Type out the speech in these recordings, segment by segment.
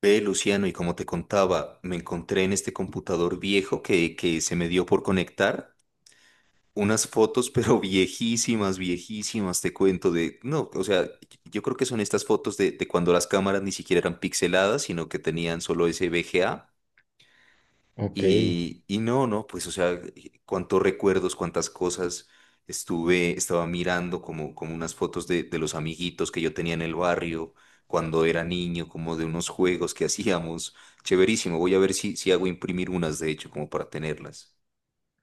Ve, Luciano, y como te contaba, me encontré en este computador viejo que se me dio por conectar unas fotos, pero viejísimas, viejísimas, te cuento de, no, o sea, yo creo que son estas fotos de cuando las cámaras ni siquiera eran pixeladas, sino que tenían solo ese VGA. Ok. Y no, no, pues, o sea, cuántos recuerdos, cuántas cosas estaba mirando como, como unas fotos de los amiguitos que yo tenía en el barrio cuando era niño, como de unos juegos que hacíamos. Chéverísimo, voy a ver si hago imprimir unas, de hecho, como para tenerlas.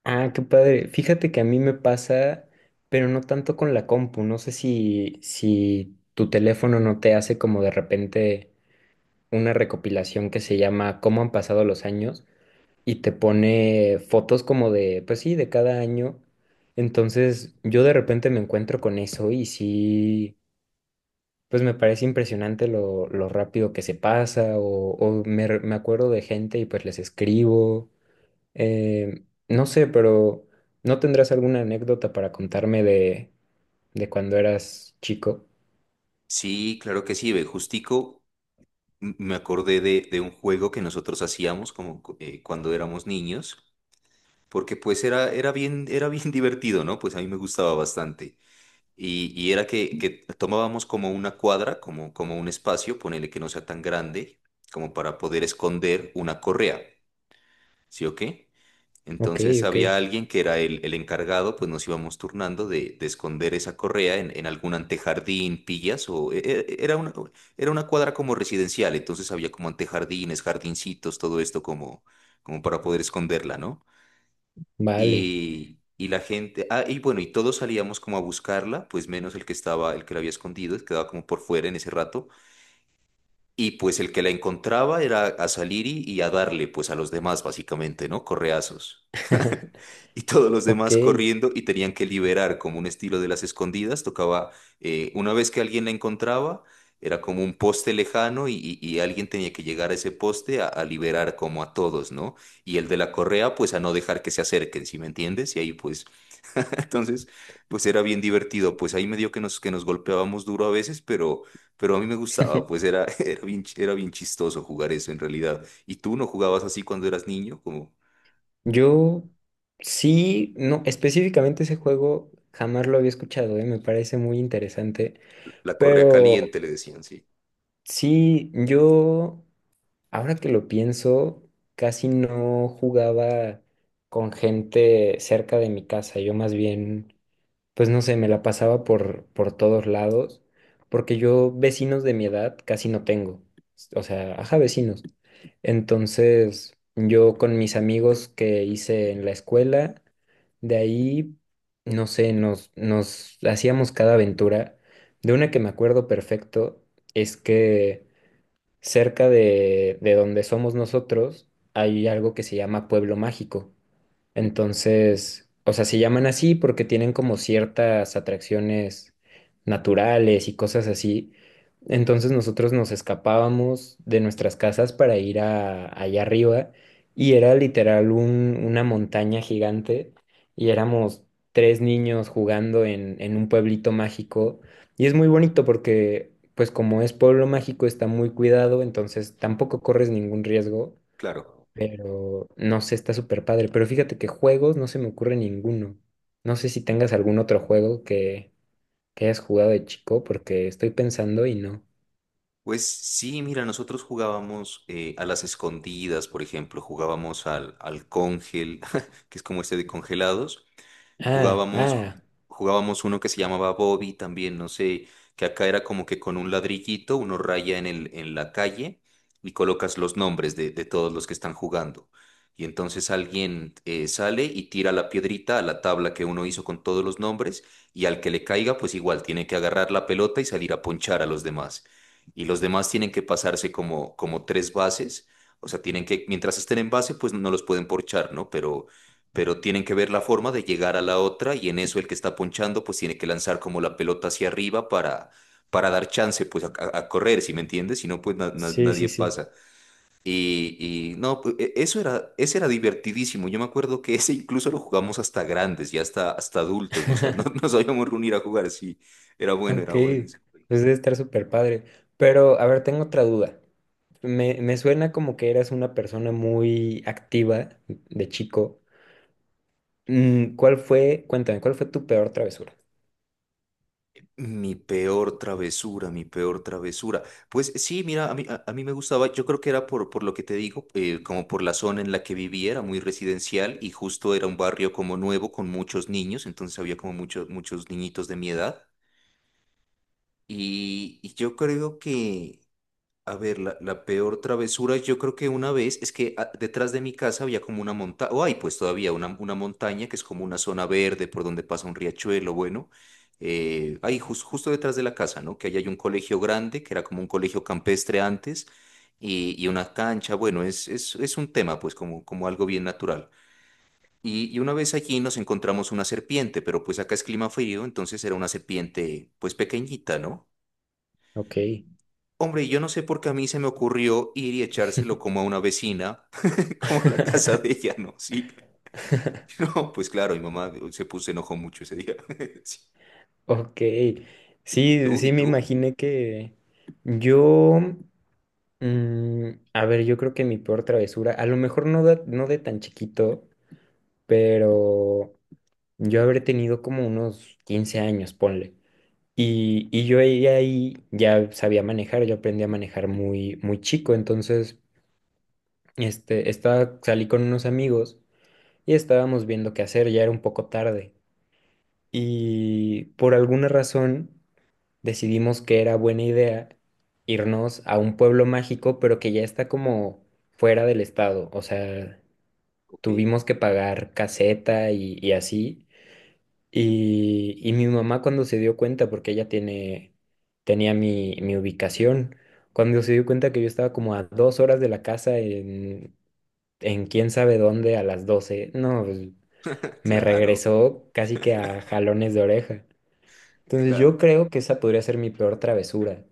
Ah, qué padre. Fíjate que a mí me pasa, pero no tanto con la compu. No sé si tu teléfono no te hace como de repente una recopilación que se llama ¿Cómo han pasado los años? Y te pone fotos como de, pues sí, de cada año. Entonces yo de repente me encuentro con eso y sí, pues me parece impresionante lo rápido que se pasa o me acuerdo de gente y pues les escribo. No sé, pero ¿no tendrás alguna anécdota para contarme de cuando eras chico? Sí, claro que sí, ve, justico me acordé de un juego que nosotros hacíamos como cuando éramos niños, porque pues era bien divertido, ¿no? Pues a mí me gustaba bastante. Y era que tomábamos como una cuadra, como, como un espacio, ponele que no sea tan grande, como para poder esconder una correa, ¿sí o qué? Ok, Entonces ok, había alguien que era el encargado, pues nos íbamos turnando de esconder esa correa en algún antejardín, pillas, o e- e- era una cuadra como residencial, entonces había como antejardines, jardincitos, todo esto como, como para poder esconderla, ¿no? vale, Y la gente, ah, y bueno, y todos salíamos como a buscarla, pues menos el que estaba, el que la había escondido, quedaba como por fuera en ese rato. Y pues el que la encontraba era a salir y a darle pues a los demás básicamente, ¿no? Correazos. Y todos los ok. demás corriendo y tenían que liberar como un estilo de las escondidas. Tocaba, una vez que alguien la encontraba, era como un poste lejano y, y alguien tenía que llegar a ese poste a liberar como a todos, ¿no? Y el de la correa pues a no dejar que se acerquen, ¿sí me entiendes? Y ahí pues, entonces pues era bien divertido. Pues ahí medio que nos golpeábamos duro a veces, pero... Pero a mí me gustaba, pues era, era bien chistoso jugar eso en realidad. ¿Y tú no jugabas así cuando eras niño? Como Yo sí, no, específicamente ese juego jamás lo había escuchado, me parece muy interesante, la correa pero caliente, le decían, sí. sí, yo, ahora que lo pienso, casi no jugaba con gente cerca de mi casa, yo más bien, pues no sé, me la pasaba por todos lados, porque yo vecinos de mi edad casi no tengo. O sea, ajá, vecinos. Entonces, yo con mis amigos que hice en la escuela, de ahí, no sé, nos hacíamos cada aventura. De una que me acuerdo perfecto es que cerca de, donde somos nosotros hay algo que se llama Pueblo Mágico. Entonces, o sea, se llaman así porque tienen como ciertas atracciones naturales y cosas así. Entonces nosotros nos escapábamos de nuestras casas para ir a, allá arriba y era literal una montaña gigante y éramos tres niños jugando en, un pueblito mágico y es muy bonito porque pues como es pueblo mágico está muy cuidado, entonces tampoco corres ningún riesgo, Claro. pero no sé, está súper padre. Pero fíjate que juegos no se me ocurre ninguno. No sé si tengas algún otro juego que hayas jugado de chico, porque estoy pensando y no. Pues sí, mira, nosotros jugábamos a las escondidas, por ejemplo, jugábamos al cóngel, que es como este de congelados. Ah, Jugábamos, ah, jugábamos uno que se llamaba Bobby también, no sé, que acá era como que con un ladrillito uno raya en en la calle y colocas los nombres de todos los que están jugando. Y entonces alguien sale y tira la piedrita a la tabla que uno hizo con todos los nombres y al que le caiga, pues igual tiene que agarrar la pelota y salir a ponchar a los demás. Y los demás tienen que pasarse como, como tres bases, o sea, tienen que, mientras estén en base, pues no los pueden porchar, ¿no? Pero tienen que ver la forma de llegar a la otra y en eso el que está ponchando pues tiene que lanzar como la pelota hacia arriba para dar chance pues a, correr, ¿si me entiendes? Si no pues sí, sí, nadie sí. pasa. Y no, pues, eso era, ese era divertidísimo. Yo me acuerdo que ese incluso lo jugamos hasta grandes y hasta, hasta adultos. Nos, nos habíamos reunir a jugar, sí. Era bueno, Ok, era bueno. Sí. pues debe estar súper padre. Pero, a ver, tengo otra duda. Me suena como que eras una persona muy activa de chico. ¿Cuál fue, cuéntame, cuál fue tu peor travesura? Mi peor travesura, mi peor travesura. Pues sí, mira, a mí me gustaba, yo creo que era por lo que te digo, como por la zona en la que vivía, era muy residencial y justo era un barrio como nuevo con muchos niños, entonces había como muchos, muchos niñitos de mi edad. Y yo creo que a ver, la peor travesura, yo creo que una vez es que ah, detrás de mi casa había como una montaña, o hay pues todavía una montaña que es como una zona verde por donde pasa un riachuelo, bueno, ahí justo detrás de la casa, ¿no? Que ahí hay un colegio grande, que era como un colegio campestre antes, y una cancha, bueno, es un tema pues como, como algo bien natural. Y una vez allí nos encontramos una serpiente, pero pues acá es clima frío, entonces era una serpiente pues pequeñita, ¿no? Ok. Hombre, yo no sé por qué a mí se me ocurrió ir y echárselo como a una vecina, como a la casa de ella, ¿no? Sí. No, pues claro, mi mamá se enojó mucho ese día. Sí. Ok, ¿Y sí, tú? sí ¿Y me tú? imaginé que yo, a ver, yo creo que mi peor travesura, a lo mejor no de, no de tan chiquito, pero yo habré tenido como unos 15 años, ponle. Y yo ahí, ya sabía manejar, yo aprendí a manejar muy, muy chico, entonces estaba, salí con unos amigos y estábamos viendo qué hacer, ya era un poco tarde. Y por alguna razón, decidimos que era buena idea irnos a un pueblo mágico, pero que ya está como fuera del estado. O sea, Ok. tuvimos que pagar caseta y, así. Y mi mamá cuando se dio cuenta, porque ella tenía mi ubicación, cuando se dio cuenta que yo estaba como a 2 horas de la casa en quién sabe dónde a las 12, no, pues, me Claro, regresó casi que a jalones de oreja. Entonces claro. yo creo que esa podría ser mi peor travesura.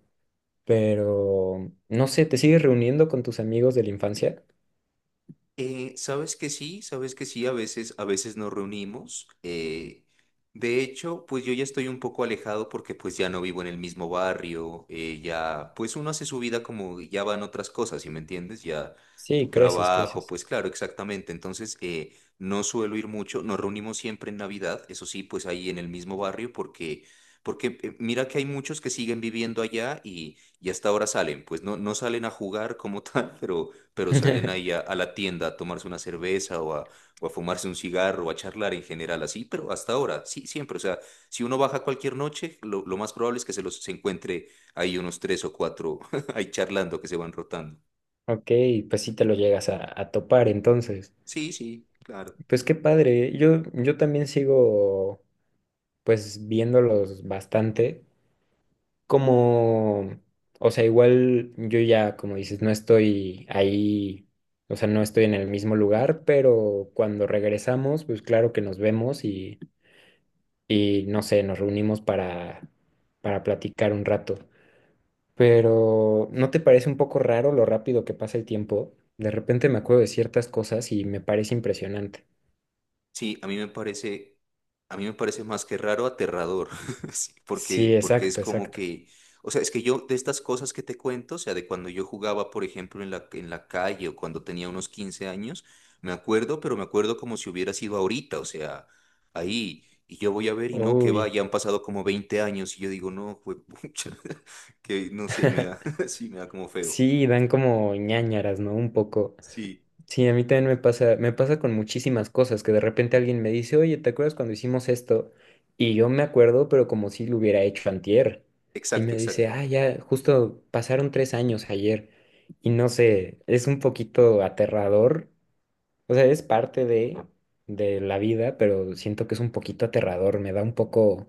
Pero, no sé, ¿te sigues reuniendo con tus amigos de la infancia? Sabes que sí, a veces nos reunimos. Eh, de hecho, pues yo ya estoy un poco alejado porque pues ya no vivo en el mismo barrio, ya, pues uno hace su vida como ya van otras cosas, ¿sí me entiendes? Ya tu Sí, creces, trabajo, creces. pues claro, exactamente. Entonces, no suelo ir mucho, nos reunimos siempre en Navidad, eso sí, pues ahí en el mismo barrio porque... Porque mira que hay muchos que siguen viviendo allá y hasta ahora salen, pues no, no salen a jugar como tal, pero salen ahí a la tienda a tomarse una cerveza o a fumarse un cigarro o a charlar en general así, pero hasta ahora, sí, siempre, o sea, si uno baja cualquier noche, lo más probable es que se los se encuentre ahí unos tres o cuatro ahí charlando que se van rotando. Ok, pues sí te lo llegas a, topar entonces. Sí, sí, claro. Pues qué padre, yo también sigo pues viéndolos bastante, como, o sea, igual yo ya, como dices, no estoy ahí, o sea, no estoy en el mismo lugar, pero cuando regresamos, pues claro que nos vemos y, no sé, nos reunimos para platicar un rato. Pero ¿no te parece un poco raro lo rápido que pasa el tiempo? De repente me acuerdo de ciertas cosas y me parece impresionante. Sí, a mí me parece más que raro, aterrador, sí, Sí, porque, porque es exacto, como exacto. que, o sea, es que yo de estas cosas que te cuento, o sea, de cuando yo jugaba, por ejemplo, en la calle o cuando tenía unos 15 años, me acuerdo, pero me acuerdo como si hubiera sido ahorita, o sea, ahí, y yo voy a ver y no, que va, Uy. ya han pasado como 20 años y yo digo, no, fue que no sé, me da, sí, me da como feo. Sí, dan como ñáñaras, ¿no? Un poco. Sí, Sí, a mí también me pasa con muchísimas cosas que de repente alguien me dice, oye, ¿te acuerdas cuando hicimos esto? Y yo me acuerdo, pero como si lo hubiera hecho antier. Y exacto, me dice, exacto. ah, ya, justo pasaron 3 años ayer. Y no sé, es un poquito aterrador. O sea, es parte de, la vida, pero siento que es un poquito aterrador, me da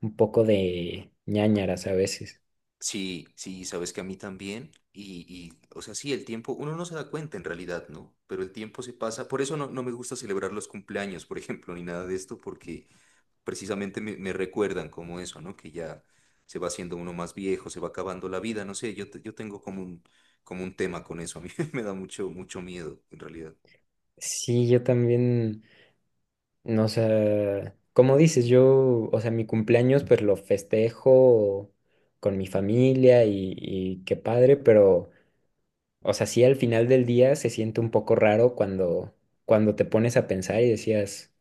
un poco de ñáñaras a veces. Sí, sí, sabes que a mí también. Y, o sea, sí, el tiempo, uno no se da cuenta en realidad, ¿no? Pero el tiempo se pasa. Por eso no, no me gusta celebrar los cumpleaños, por ejemplo, ni nada de esto, porque precisamente me recuerdan como eso, ¿no? Que ya se va haciendo uno más viejo, se va acabando la vida, no sé, yo tengo como un tema con eso. A mí me da mucho, mucho miedo, en realidad. Sí, yo también, no, o sea, como dices, yo, o sea, mi cumpleaños pues lo festejo con mi familia y, qué padre, pero, o sea, sí al final del día se siente un poco raro cuando te pones a pensar y decías,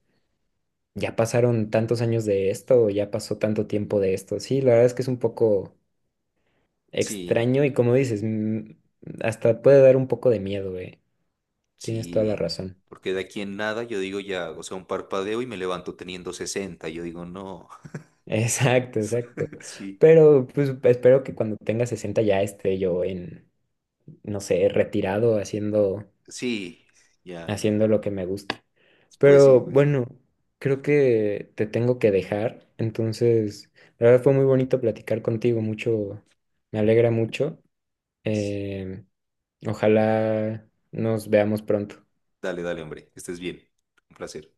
ya pasaron tantos años de esto, o ya pasó tanto tiempo de esto. Sí, la verdad es que es un poco Sí, extraño y como dices, hasta puede dar un poco de miedo, eh. Tienes toda la sí, razón. porque de aquí en nada yo digo ya, o sea, un parpadeo y me levanto teniendo 60. Yo digo, no, Exacto, exacto. sí. Pero pues espero que cuando tenga 60 ya esté yo en, no sé, retirado Sí, ya. haciendo lo que me gusta. Pues sí, Pero pues sí. bueno, creo que te tengo que dejar. Entonces, la verdad fue muy bonito platicar contigo, mucho, me alegra mucho. Em, Ojalá nos veamos pronto. Dale, dale, hombre. Estés bien. Un placer.